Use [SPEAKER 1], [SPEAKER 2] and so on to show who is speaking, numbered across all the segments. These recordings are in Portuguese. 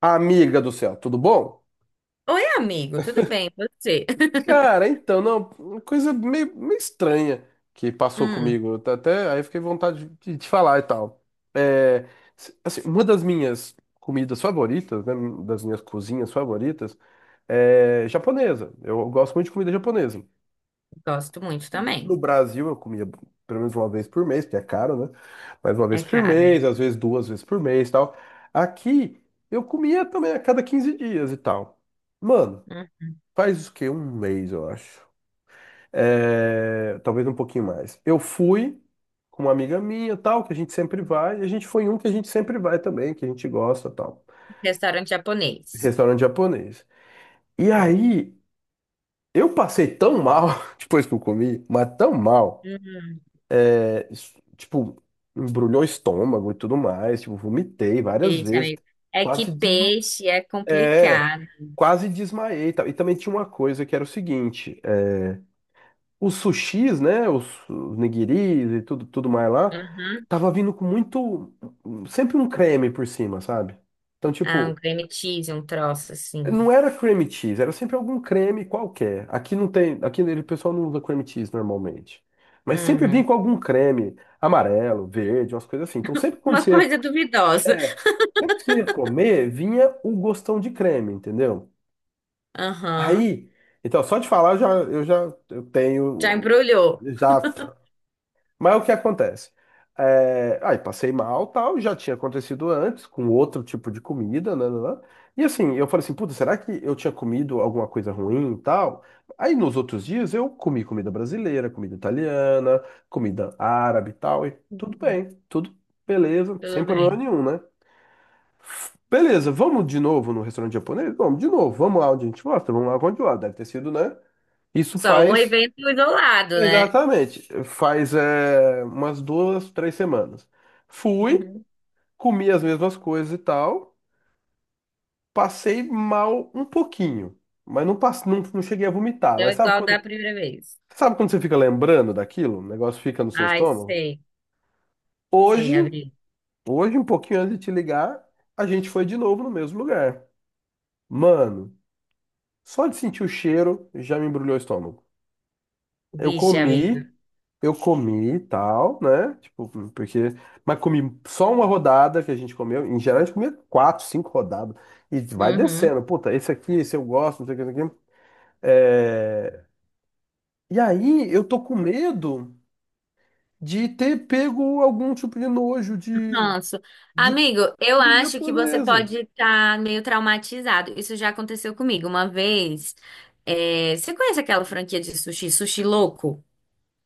[SPEAKER 1] Amiga do céu, tudo bom?
[SPEAKER 2] Oi, amigo, tudo bem? E Você?
[SPEAKER 1] Cara, então, não, uma coisa meio, meio estranha que passou
[SPEAKER 2] Hum,
[SPEAKER 1] comigo. Eu tá Até aí eu fiquei com vontade de te falar e tal. É, assim, uma das minhas comidas favoritas, né, das minhas cozinhas favoritas, é japonesa. Eu gosto muito de comida japonesa.
[SPEAKER 2] gosto muito também.
[SPEAKER 1] No Brasil, eu comia pelo menos uma vez por mês, porque é caro, né? Mas uma vez
[SPEAKER 2] É
[SPEAKER 1] por
[SPEAKER 2] caro, é.
[SPEAKER 1] mês, às vezes duas vezes por mês e tal. Aqui, eu comia também a cada 15 dias e tal. Mano.
[SPEAKER 2] Uhum.
[SPEAKER 1] Faz o quê? Um mês, eu acho. É, talvez um pouquinho mais. Eu fui com uma amiga minha, tal, que a gente sempre vai. E a gente foi em um que a gente sempre vai também, que a gente gosta, tal.
[SPEAKER 2] Restaurante japonês.
[SPEAKER 1] Restaurante japonês. E
[SPEAKER 2] É.
[SPEAKER 1] aí, eu passei tão mal depois que eu comi, mas tão mal.
[SPEAKER 2] Uhum.
[SPEAKER 1] É, isso, tipo, embrulhou o estômago e tudo mais. Tipo, vomitei várias
[SPEAKER 2] Peixe,
[SPEAKER 1] vezes.
[SPEAKER 2] amigo. É
[SPEAKER 1] Quase
[SPEAKER 2] que
[SPEAKER 1] desma...
[SPEAKER 2] peixe é
[SPEAKER 1] É,
[SPEAKER 2] complicado.
[SPEAKER 1] quase desmaiei, e tal. E também tinha uma coisa que era o seguinte: os sushis, né, os nigiris e tudo mais lá,
[SPEAKER 2] Uhum.
[SPEAKER 1] tava vindo sempre um creme por cima, sabe? Então,
[SPEAKER 2] Ah,
[SPEAKER 1] tipo,
[SPEAKER 2] um cream cheese, um troço assim.
[SPEAKER 1] não era cream cheese, era sempre algum creme qualquer. Aqui não tem, aqui o pessoal não usa cream cheese normalmente. Mas sempre vinha
[SPEAKER 2] É.
[SPEAKER 1] com algum creme amarelo, verde, umas coisas assim. Então,
[SPEAKER 2] Uma coisa duvidosa.
[SPEAKER 1] é, sempre que você ia comer, vinha o gostão de creme, entendeu?
[SPEAKER 2] Aham.
[SPEAKER 1] Aí, então, só de falar, eu já, eu já eu
[SPEAKER 2] Já
[SPEAKER 1] tenho
[SPEAKER 2] embrulhou.
[SPEAKER 1] já mas o que acontece? É, aí passei mal, tal, já tinha acontecido antes, com outro tipo de comida, né. E assim, eu falei assim, puta, será que eu tinha comido alguma coisa ruim e tal? Aí nos outros dias eu comi comida brasileira, comida italiana, comida árabe e tal, e tudo
[SPEAKER 2] Uhum.
[SPEAKER 1] bem, tudo beleza, sem
[SPEAKER 2] Tudo
[SPEAKER 1] problema
[SPEAKER 2] bem.
[SPEAKER 1] nenhum, né? Beleza, vamos de novo no restaurante japonês? Vamos de novo, vamos lá onde a gente gosta, vamos lá onde eu gosto. Deve ter sido, né? Isso
[SPEAKER 2] Só um
[SPEAKER 1] faz
[SPEAKER 2] evento isolado, né?
[SPEAKER 1] Exatamente. Faz umas 2, 3 semanas. Fui,
[SPEAKER 2] Uhum.
[SPEAKER 1] comi as mesmas coisas e tal. Passei mal um pouquinho. Mas não, não, não cheguei a vomitar.
[SPEAKER 2] É
[SPEAKER 1] Mas
[SPEAKER 2] igual da primeira vez.
[SPEAKER 1] sabe quando você fica lembrando daquilo? O negócio fica no seu
[SPEAKER 2] Ai,
[SPEAKER 1] estômago?
[SPEAKER 2] sei, sei,
[SPEAKER 1] Hoje,
[SPEAKER 2] amigo.
[SPEAKER 1] hoje, um pouquinho antes de te ligar, a gente foi de novo no mesmo lugar. Mano, só de sentir o cheiro já me embrulhou o estômago. Eu
[SPEAKER 2] Vixe, amigo.
[SPEAKER 1] comi, eu comi e tal, né? Tipo, porque. Mas comi só uma rodada que a gente comeu. Em geral, a gente comia quatro, cinco rodadas. E vai
[SPEAKER 2] Uhum.
[SPEAKER 1] descendo. Puta, esse aqui, esse eu gosto, não sei o que, não sei o que. É... E aí, eu tô com medo de ter pego algum tipo de nojo de,
[SPEAKER 2] Ranço.
[SPEAKER 1] de
[SPEAKER 2] Amigo, eu
[SPEAKER 1] comida
[SPEAKER 2] acho que você
[SPEAKER 1] japonesa.
[SPEAKER 2] pode estar meio traumatizado. Isso já aconteceu comigo uma vez. Você conhece aquela franquia de sushi, Sushi Louco?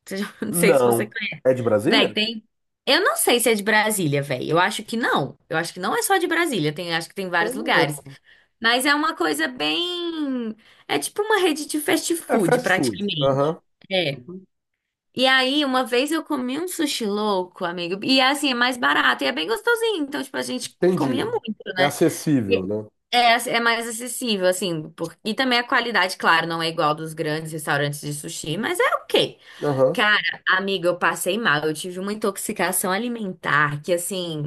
[SPEAKER 2] Você já- Não sei se você
[SPEAKER 1] Não.
[SPEAKER 2] conhece.
[SPEAKER 1] É de Brasília?
[SPEAKER 2] Véi, tem. Eu não sei se é de Brasília, véi. Eu acho que não. Eu acho que não é só de Brasília. Tem. Acho que tem
[SPEAKER 1] Eu
[SPEAKER 2] vários
[SPEAKER 1] não
[SPEAKER 2] lugares.
[SPEAKER 1] lembro.
[SPEAKER 2] Mas é uma coisa bem. É tipo uma rede de fast
[SPEAKER 1] É
[SPEAKER 2] food,
[SPEAKER 1] fast food.
[SPEAKER 2] praticamente.
[SPEAKER 1] Aham.
[SPEAKER 2] É.
[SPEAKER 1] Uhum.
[SPEAKER 2] E aí, uma vez eu comi um sushi louco, amigo. E é assim, é mais barato e é bem gostosinho. Então, tipo, a gente
[SPEAKER 1] Entendi.
[SPEAKER 2] comia muito,
[SPEAKER 1] É
[SPEAKER 2] né? E
[SPEAKER 1] acessível, né?
[SPEAKER 2] é, assim, é mais acessível, assim. Por. E também a qualidade, claro, não é igual dos grandes restaurantes de sushi, mas é ok.
[SPEAKER 1] Aham.
[SPEAKER 2] Cara, amiga, eu passei mal. Eu tive uma intoxicação alimentar que, assim,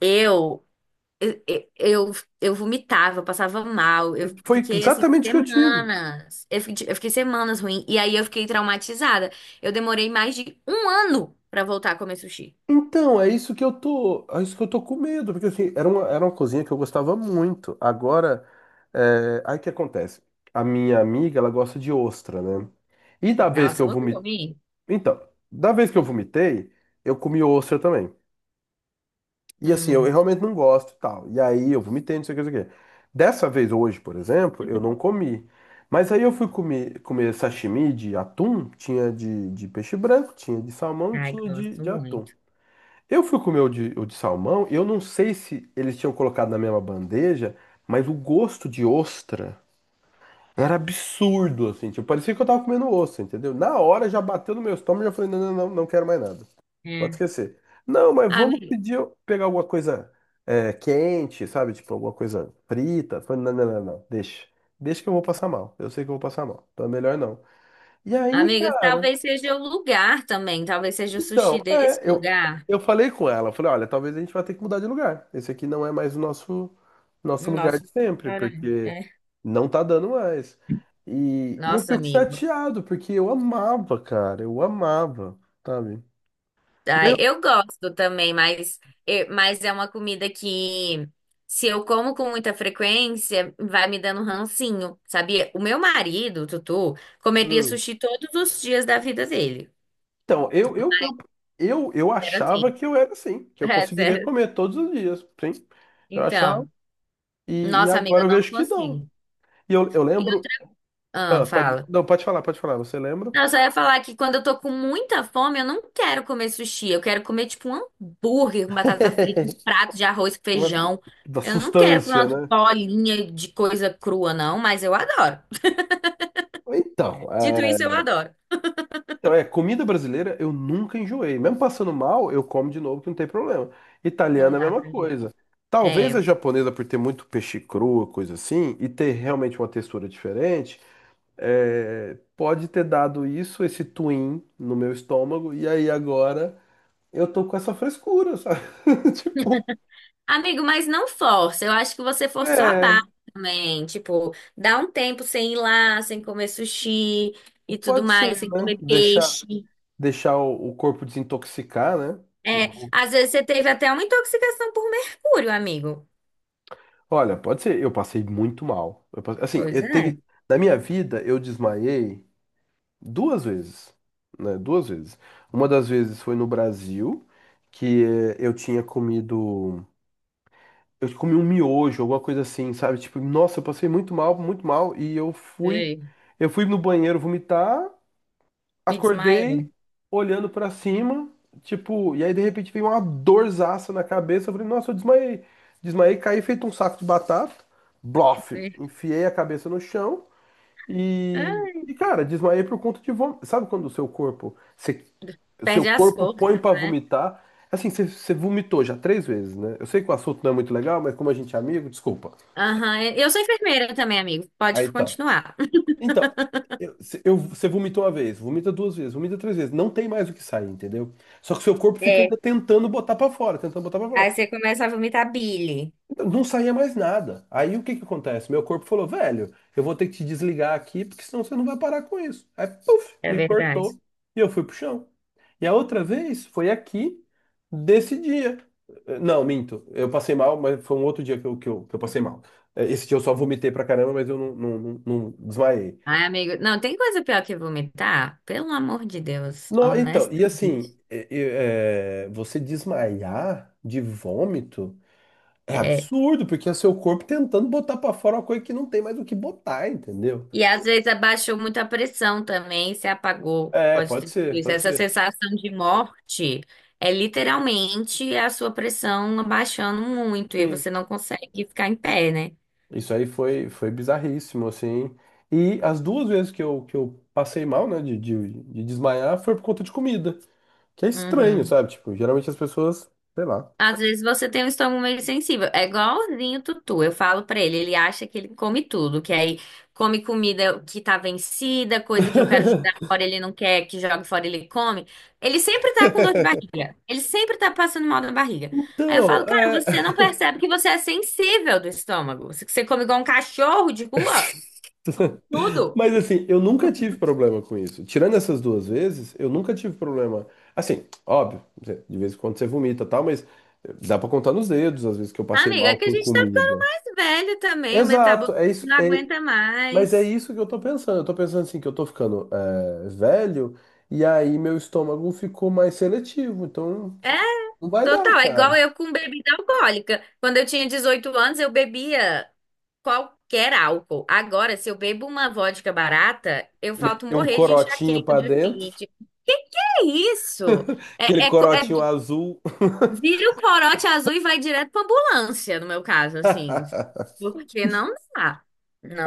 [SPEAKER 2] eu. Eu, eu, eu vomitava, eu passava mal, eu
[SPEAKER 1] Foi
[SPEAKER 2] fiquei assim
[SPEAKER 1] exatamente o que eu tive.
[SPEAKER 2] semanas, eu fiquei semanas ruim, e aí eu fiquei traumatizada. Eu demorei mais de um ano pra voltar a comer sushi.
[SPEAKER 1] Então, é isso que eu tô com medo, porque assim, era uma cozinha que eu gostava muito. Agora, aí o que acontece? A minha amiga, ela gosta de ostra, né? E da vez que
[SPEAKER 2] Nossa,
[SPEAKER 1] eu
[SPEAKER 2] eu nunca
[SPEAKER 1] vomitei,
[SPEAKER 2] comi.
[SPEAKER 1] então, da vez que eu vomitei, eu comi ostra também. E assim, eu
[SPEAKER 2] Hum,
[SPEAKER 1] realmente não gosto e tal. E aí eu vomitei, não sei o que, não sei o que. Dessa vez hoje, por exemplo, eu não comi. Mas aí eu fui comer sashimi de atum, tinha de peixe branco, tinha de salmão e
[SPEAKER 2] ai,
[SPEAKER 1] tinha de,
[SPEAKER 2] gosto
[SPEAKER 1] de atum.
[SPEAKER 2] muito.
[SPEAKER 1] Eu fui comer o de salmão e eu não sei se eles tinham colocado na mesma bandeja, mas o gosto de ostra era absurdo, assim. Tipo, parecia que eu tava comendo ostra, entendeu? Na hora já bateu no meu estômago e já falei, não, não, não, não quero mais nada. Pode
[SPEAKER 2] É.
[SPEAKER 1] esquecer. Não, mas vamos
[SPEAKER 2] Amigo,
[SPEAKER 1] pedir, pegar alguma coisa quente, sabe? Tipo, alguma coisa frita. Falei, não, não, não, não, deixa. Deixa que eu vou passar mal. Eu sei que eu vou passar mal. Então é melhor não. E aí,
[SPEAKER 2] amigo,
[SPEAKER 1] cara.
[SPEAKER 2] talvez seja o lugar também, talvez seja o sushi
[SPEAKER 1] Então,
[SPEAKER 2] desse
[SPEAKER 1] é, eu,
[SPEAKER 2] lugar.
[SPEAKER 1] eu falei com ela, eu falei, olha, talvez a gente vá ter que mudar de lugar. Esse aqui não é mais o nosso lugar
[SPEAKER 2] Nossa,
[SPEAKER 1] de sempre,
[SPEAKER 2] cara,
[SPEAKER 1] porque
[SPEAKER 2] é.
[SPEAKER 1] não tá dando mais. E eu
[SPEAKER 2] Nossa,
[SPEAKER 1] fico
[SPEAKER 2] amigo.
[SPEAKER 1] chateado, porque eu amava, cara, eu amava, sabe? E
[SPEAKER 2] Ai, eu gosto também, mas, mas é uma comida que, se eu como com muita frequência, vai me dando um rancinho, sabia? O meu marido, o Tutu, comeria
[SPEAKER 1] hum.
[SPEAKER 2] sushi todos os dias da vida dele.
[SPEAKER 1] Então, eu
[SPEAKER 2] Era assim.
[SPEAKER 1] achava que eu era assim, que eu
[SPEAKER 2] É,
[SPEAKER 1] conseguiria
[SPEAKER 2] sério.
[SPEAKER 1] comer todos os dias, sim. Eu achava,
[SPEAKER 2] Então,
[SPEAKER 1] e
[SPEAKER 2] nossa amiga,
[SPEAKER 1] agora
[SPEAKER 2] eu
[SPEAKER 1] eu
[SPEAKER 2] não
[SPEAKER 1] vejo que não.
[SPEAKER 2] consigo.
[SPEAKER 1] E eu
[SPEAKER 2] E eu-
[SPEAKER 1] lembro.
[SPEAKER 2] ah,
[SPEAKER 1] Ah, pode,
[SPEAKER 2] fala.
[SPEAKER 1] não, pode falar, você lembra?
[SPEAKER 2] Não, eu só ia falar que quando eu tô com muita fome, eu não quero comer sushi. Eu quero comer, tipo, um hambúrguer com batata frita, um prato de arroz com
[SPEAKER 1] Uma-
[SPEAKER 2] feijão.
[SPEAKER 1] Da
[SPEAKER 2] Eu não quero comer
[SPEAKER 1] sustância,
[SPEAKER 2] umas
[SPEAKER 1] né?
[SPEAKER 2] bolinhas de coisa crua, não, mas eu adoro.
[SPEAKER 1] Então,
[SPEAKER 2] Dito isso, eu adoro.
[SPEAKER 1] comida brasileira eu nunca enjoei. Mesmo passando mal, eu como de novo que não tem problema.
[SPEAKER 2] Não
[SPEAKER 1] Italiana é a
[SPEAKER 2] dá
[SPEAKER 1] mesma
[SPEAKER 2] pra jogar.
[SPEAKER 1] coisa. Talvez a
[SPEAKER 2] É.
[SPEAKER 1] japonesa, por ter muito peixe cru, coisa assim, e ter realmente uma textura diferente, pode ter dado isso, esse twin no meu estômago, e aí agora eu tô com essa frescura, sabe? Tipo,
[SPEAKER 2] Amigo, mas não força. Eu acho que você forçou a barra
[SPEAKER 1] é,
[SPEAKER 2] também. Tipo, dá um tempo sem ir lá, sem comer sushi e tudo
[SPEAKER 1] pode
[SPEAKER 2] mais,
[SPEAKER 1] ser,
[SPEAKER 2] sem
[SPEAKER 1] né?
[SPEAKER 2] comer
[SPEAKER 1] Deixar,
[SPEAKER 2] peixe.
[SPEAKER 1] deixar o corpo desintoxicar, né?
[SPEAKER 2] É, às vezes você teve até uma intoxicação por mercúrio, amigo.
[SPEAKER 1] Olha, pode ser. Eu passei muito mal. Assim,
[SPEAKER 2] Pois
[SPEAKER 1] eu
[SPEAKER 2] é.
[SPEAKER 1] teve. Na minha vida, eu desmaiei duas vezes. Né? Duas vezes. Uma das vezes foi no Brasil, que eu tinha comido. Eu comi um miojo, alguma coisa assim, sabe? Tipo, nossa, eu passei muito mal, muito mal.
[SPEAKER 2] Ei,
[SPEAKER 1] Eu fui no banheiro vomitar.
[SPEAKER 2] me desmaiei.
[SPEAKER 1] Acordei olhando pra cima, tipo, e aí de repente veio uma dorzaça na cabeça. Eu falei, nossa, eu desmaiei. Desmaiei, caí feito um saco de batata. Blof!
[SPEAKER 2] Ei,
[SPEAKER 1] Enfiei a cabeça no chão e,
[SPEAKER 2] ah,
[SPEAKER 1] e cara, desmaiei por conta de vômito. Sabe quando o seu corpo, o seu
[SPEAKER 2] perde as
[SPEAKER 1] corpo
[SPEAKER 2] forças,
[SPEAKER 1] põe pra
[SPEAKER 2] né?
[SPEAKER 1] vomitar? Assim, você vomitou já três vezes, né? Eu sei que o assunto não é muito legal, mas como a gente é amigo, desculpa.
[SPEAKER 2] Aham, eu sou enfermeira também, amigo. Pode
[SPEAKER 1] Aí tá.
[SPEAKER 2] continuar.
[SPEAKER 1] Então, eu, se- eu- você vomitou uma vez, vomita duas vezes, vomita três vezes, não tem mais o que sair, entendeu? Só que seu corpo fica
[SPEAKER 2] É.
[SPEAKER 1] ainda tentando botar pra fora, tentando botar pra
[SPEAKER 2] Aí
[SPEAKER 1] fora.
[SPEAKER 2] você começa a vomitar bile.
[SPEAKER 1] Então, não saía mais nada. Aí o que que acontece? Meu corpo falou, velho, eu vou ter que te desligar aqui, porque senão você não vai parar com isso. Aí, puf,
[SPEAKER 2] É
[SPEAKER 1] me
[SPEAKER 2] verdade.
[SPEAKER 1] cortou e eu fui pro chão. E a outra vez foi aqui, desse dia. Não, minto, eu passei mal, mas foi um outro dia que eu passei mal. Esse dia eu só vomitei pra caramba, mas eu não desmaiei.
[SPEAKER 2] Ai, amigo, não, tem coisa pior que vomitar? Pelo amor de Deus,
[SPEAKER 1] Não, então, e
[SPEAKER 2] honestamente.
[SPEAKER 1] assim, você desmaiar de vômito é
[SPEAKER 2] É.
[SPEAKER 1] absurdo, porque é seu corpo tentando botar pra fora uma coisa que não tem mais o que botar, entendeu?
[SPEAKER 2] E às vezes abaixou muito a pressão também, se apagou.
[SPEAKER 1] É,
[SPEAKER 2] Pode ter
[SPEAKER 1] pode
[SPEAKER 2] sido
[SPEAKER 1] ser,
[SPEAKER 2] isso.
[SPEAKER 1] pode
[SPEAKER 2] Essa
[SPEAKER 1] ser.
[SPEAKER 2] sensação de morte é literalmente a sua pressão abaixando muito e
[SPEAKER 1] Sim.
[SPEAKER 2] você não consegue ficar em pé, né?
[SPEAKER 1] Isso aí foi bizarríssimo, assim. E as duas vezes que eu passei mal, né, de desmaiar, foi por conta de comida. Que é estranho,
[SPEAKER 2] Uhum.
[SPEAKER 1] sabe? Tipo, geralmente as pessoas, sei lá.
[SPEAKER 2] Às vezes você tem um estômago meio sensível. É igualzinho o Tutu. Eu falo pra ele, ele acha que ele come tudo, que aí come comida que tá vencida, coisa que eu quero jogar fora, ele não quer que jogue fora, ele come. Ele sempre tá com dor de barriga. Ele sempre tá passando mal na barriga. Aí eu
[SPEAKER 1] Então,
[SPEAKER 2] falo, cara,
[SPEAKER 1] é.
[SPEAKER 2] você não percebe que você é sensível do estômago. Você come igual um cachorro de rua, tudo.
[SPEAKER 1] Mas assim, eu nunca tive problema com isso. Tirando essas duas vezes, eu nunca tive problema. Assim, óbvio, de vez em quando você vomita e tal, mas dá pra contar nos dedos as vezes que eu passei
[SPEAKER 2] Amiga, é
[SPEAKER 1] mal
[SPEAKER 2] que a
[SPEAKER 1] com
[SPEAKER 2] gente tá ficando
[SPEAKER 1] comida.
[SPEAKER 2] mais velho também, o
[SPEAKER 1] Exato,
[SPEAKER 2] metabolismo
[SPEAKER 1] é isso.
[SPEAKER 2] não aguenta
[SPEAKER 1] Mas é
[SPEAKER 2] mais.
[SPEAKER 1] isso que eu tô pensando. Eu tô pensando assim, que eu tô ficando velho, e aí meu estômago ficou mais seletivo. Então,
[SPEAKER 2] É.
[SPEAKER 1] tipo, não vai dar,
[SPEAKER 2] Total, é igual
[SPEAKER 1] cara.
[SPEAKER 2] eu com bebida alcoólica. Quando eu tinha 18 anos, eu bebia qualquer álcool. Agora, se eu bebo uma vodka barata, eu falto
[SPEAKER 1] Meter um
[SPEAKER 2] morrer de
[SPEAKER 1] corotinho
[SPEAKER 2] enxaqueca
[SPEAKER 1] pra
[SPEAKER 2] do dia
[SPEAKER 1] dentro,
[SPEAKER 2] seguinte. Que é isso?
[SPEAKER 1] aquele
[SPEAKER 2] É, é, co- é-
[SPEAKER 1] corotinho azul.
[SPEAKER 2] vira o corote azul e vai direto pra ambulância, no meu caso, assim. Porque não dá.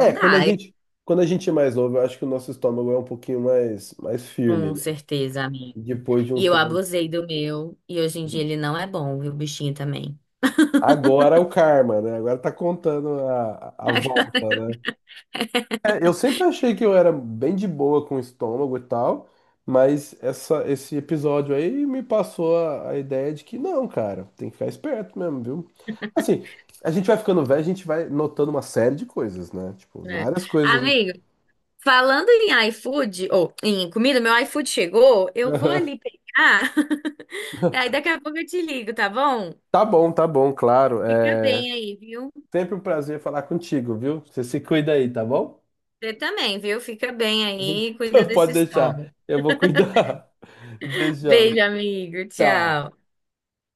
[SPEAKER 1] É,
[SPEAKER 2] dá, eu-
[SPEAKER 1] quando a gente é mais novo, eu acho que o nosso estômago é um pouquinho mais firme,
[SPEAKER 2] com
[SPEAKER 1] né?
[SPEAKER 2] certeza, amigo.
[SPEAKER 1] Depois de
[SPEAKER 2] E
[SPEAKER 1] um
[SPEAKER 2] eu
[SPEAKER 1] tempo.
[SPEAKER 2] abusei do meu, e hoje em dia ele não é bom, viu, bichinho também.
[SPEAKER 1] Agora é o karma, né? Agora tá contando a volta, né? É, eu sempre achei que eu era bem de boa com o estômago e tal, mas essa, esse episódio aí me passou a ideia de que não, cara, tem que ficar esperto mesmo, viu? Assim, a gente vai ficando velho, a gente vai notando uma série de coisas, né? Tipo,
[SPEAKER 2] É.
[SPEAKER 1] várias coisas.
[SPEAKER 2] Amigo. Falando em iFood, ou em comida, meu iFood chegou, eu vou ali pegar. Aí daqui a pouco eu te ligo, tá bom?
[SPEAKER 1] Tá bom, claro.
[SPEAKER 2] Fica bem aí, viu?
[SPEAKER 1] Sempre um prazer falar contigo, viu? Você se cuida aí, tá bom?
[SPEAKER 2] Você também, viu? Fica bem aí, cuida
[SPEAKER 1] Então,
[SPEAKER 2] desse
[SPEAKER 1] pode deixar.
[SPEAKER 2] estômago.
[SPEAKER 1] Eu vou cuidar. Beijão.
[SPEAKER 2] Beijo, amigo.
[SPEAKER 1] Tchau.
[SPEAKER 2] Tchau.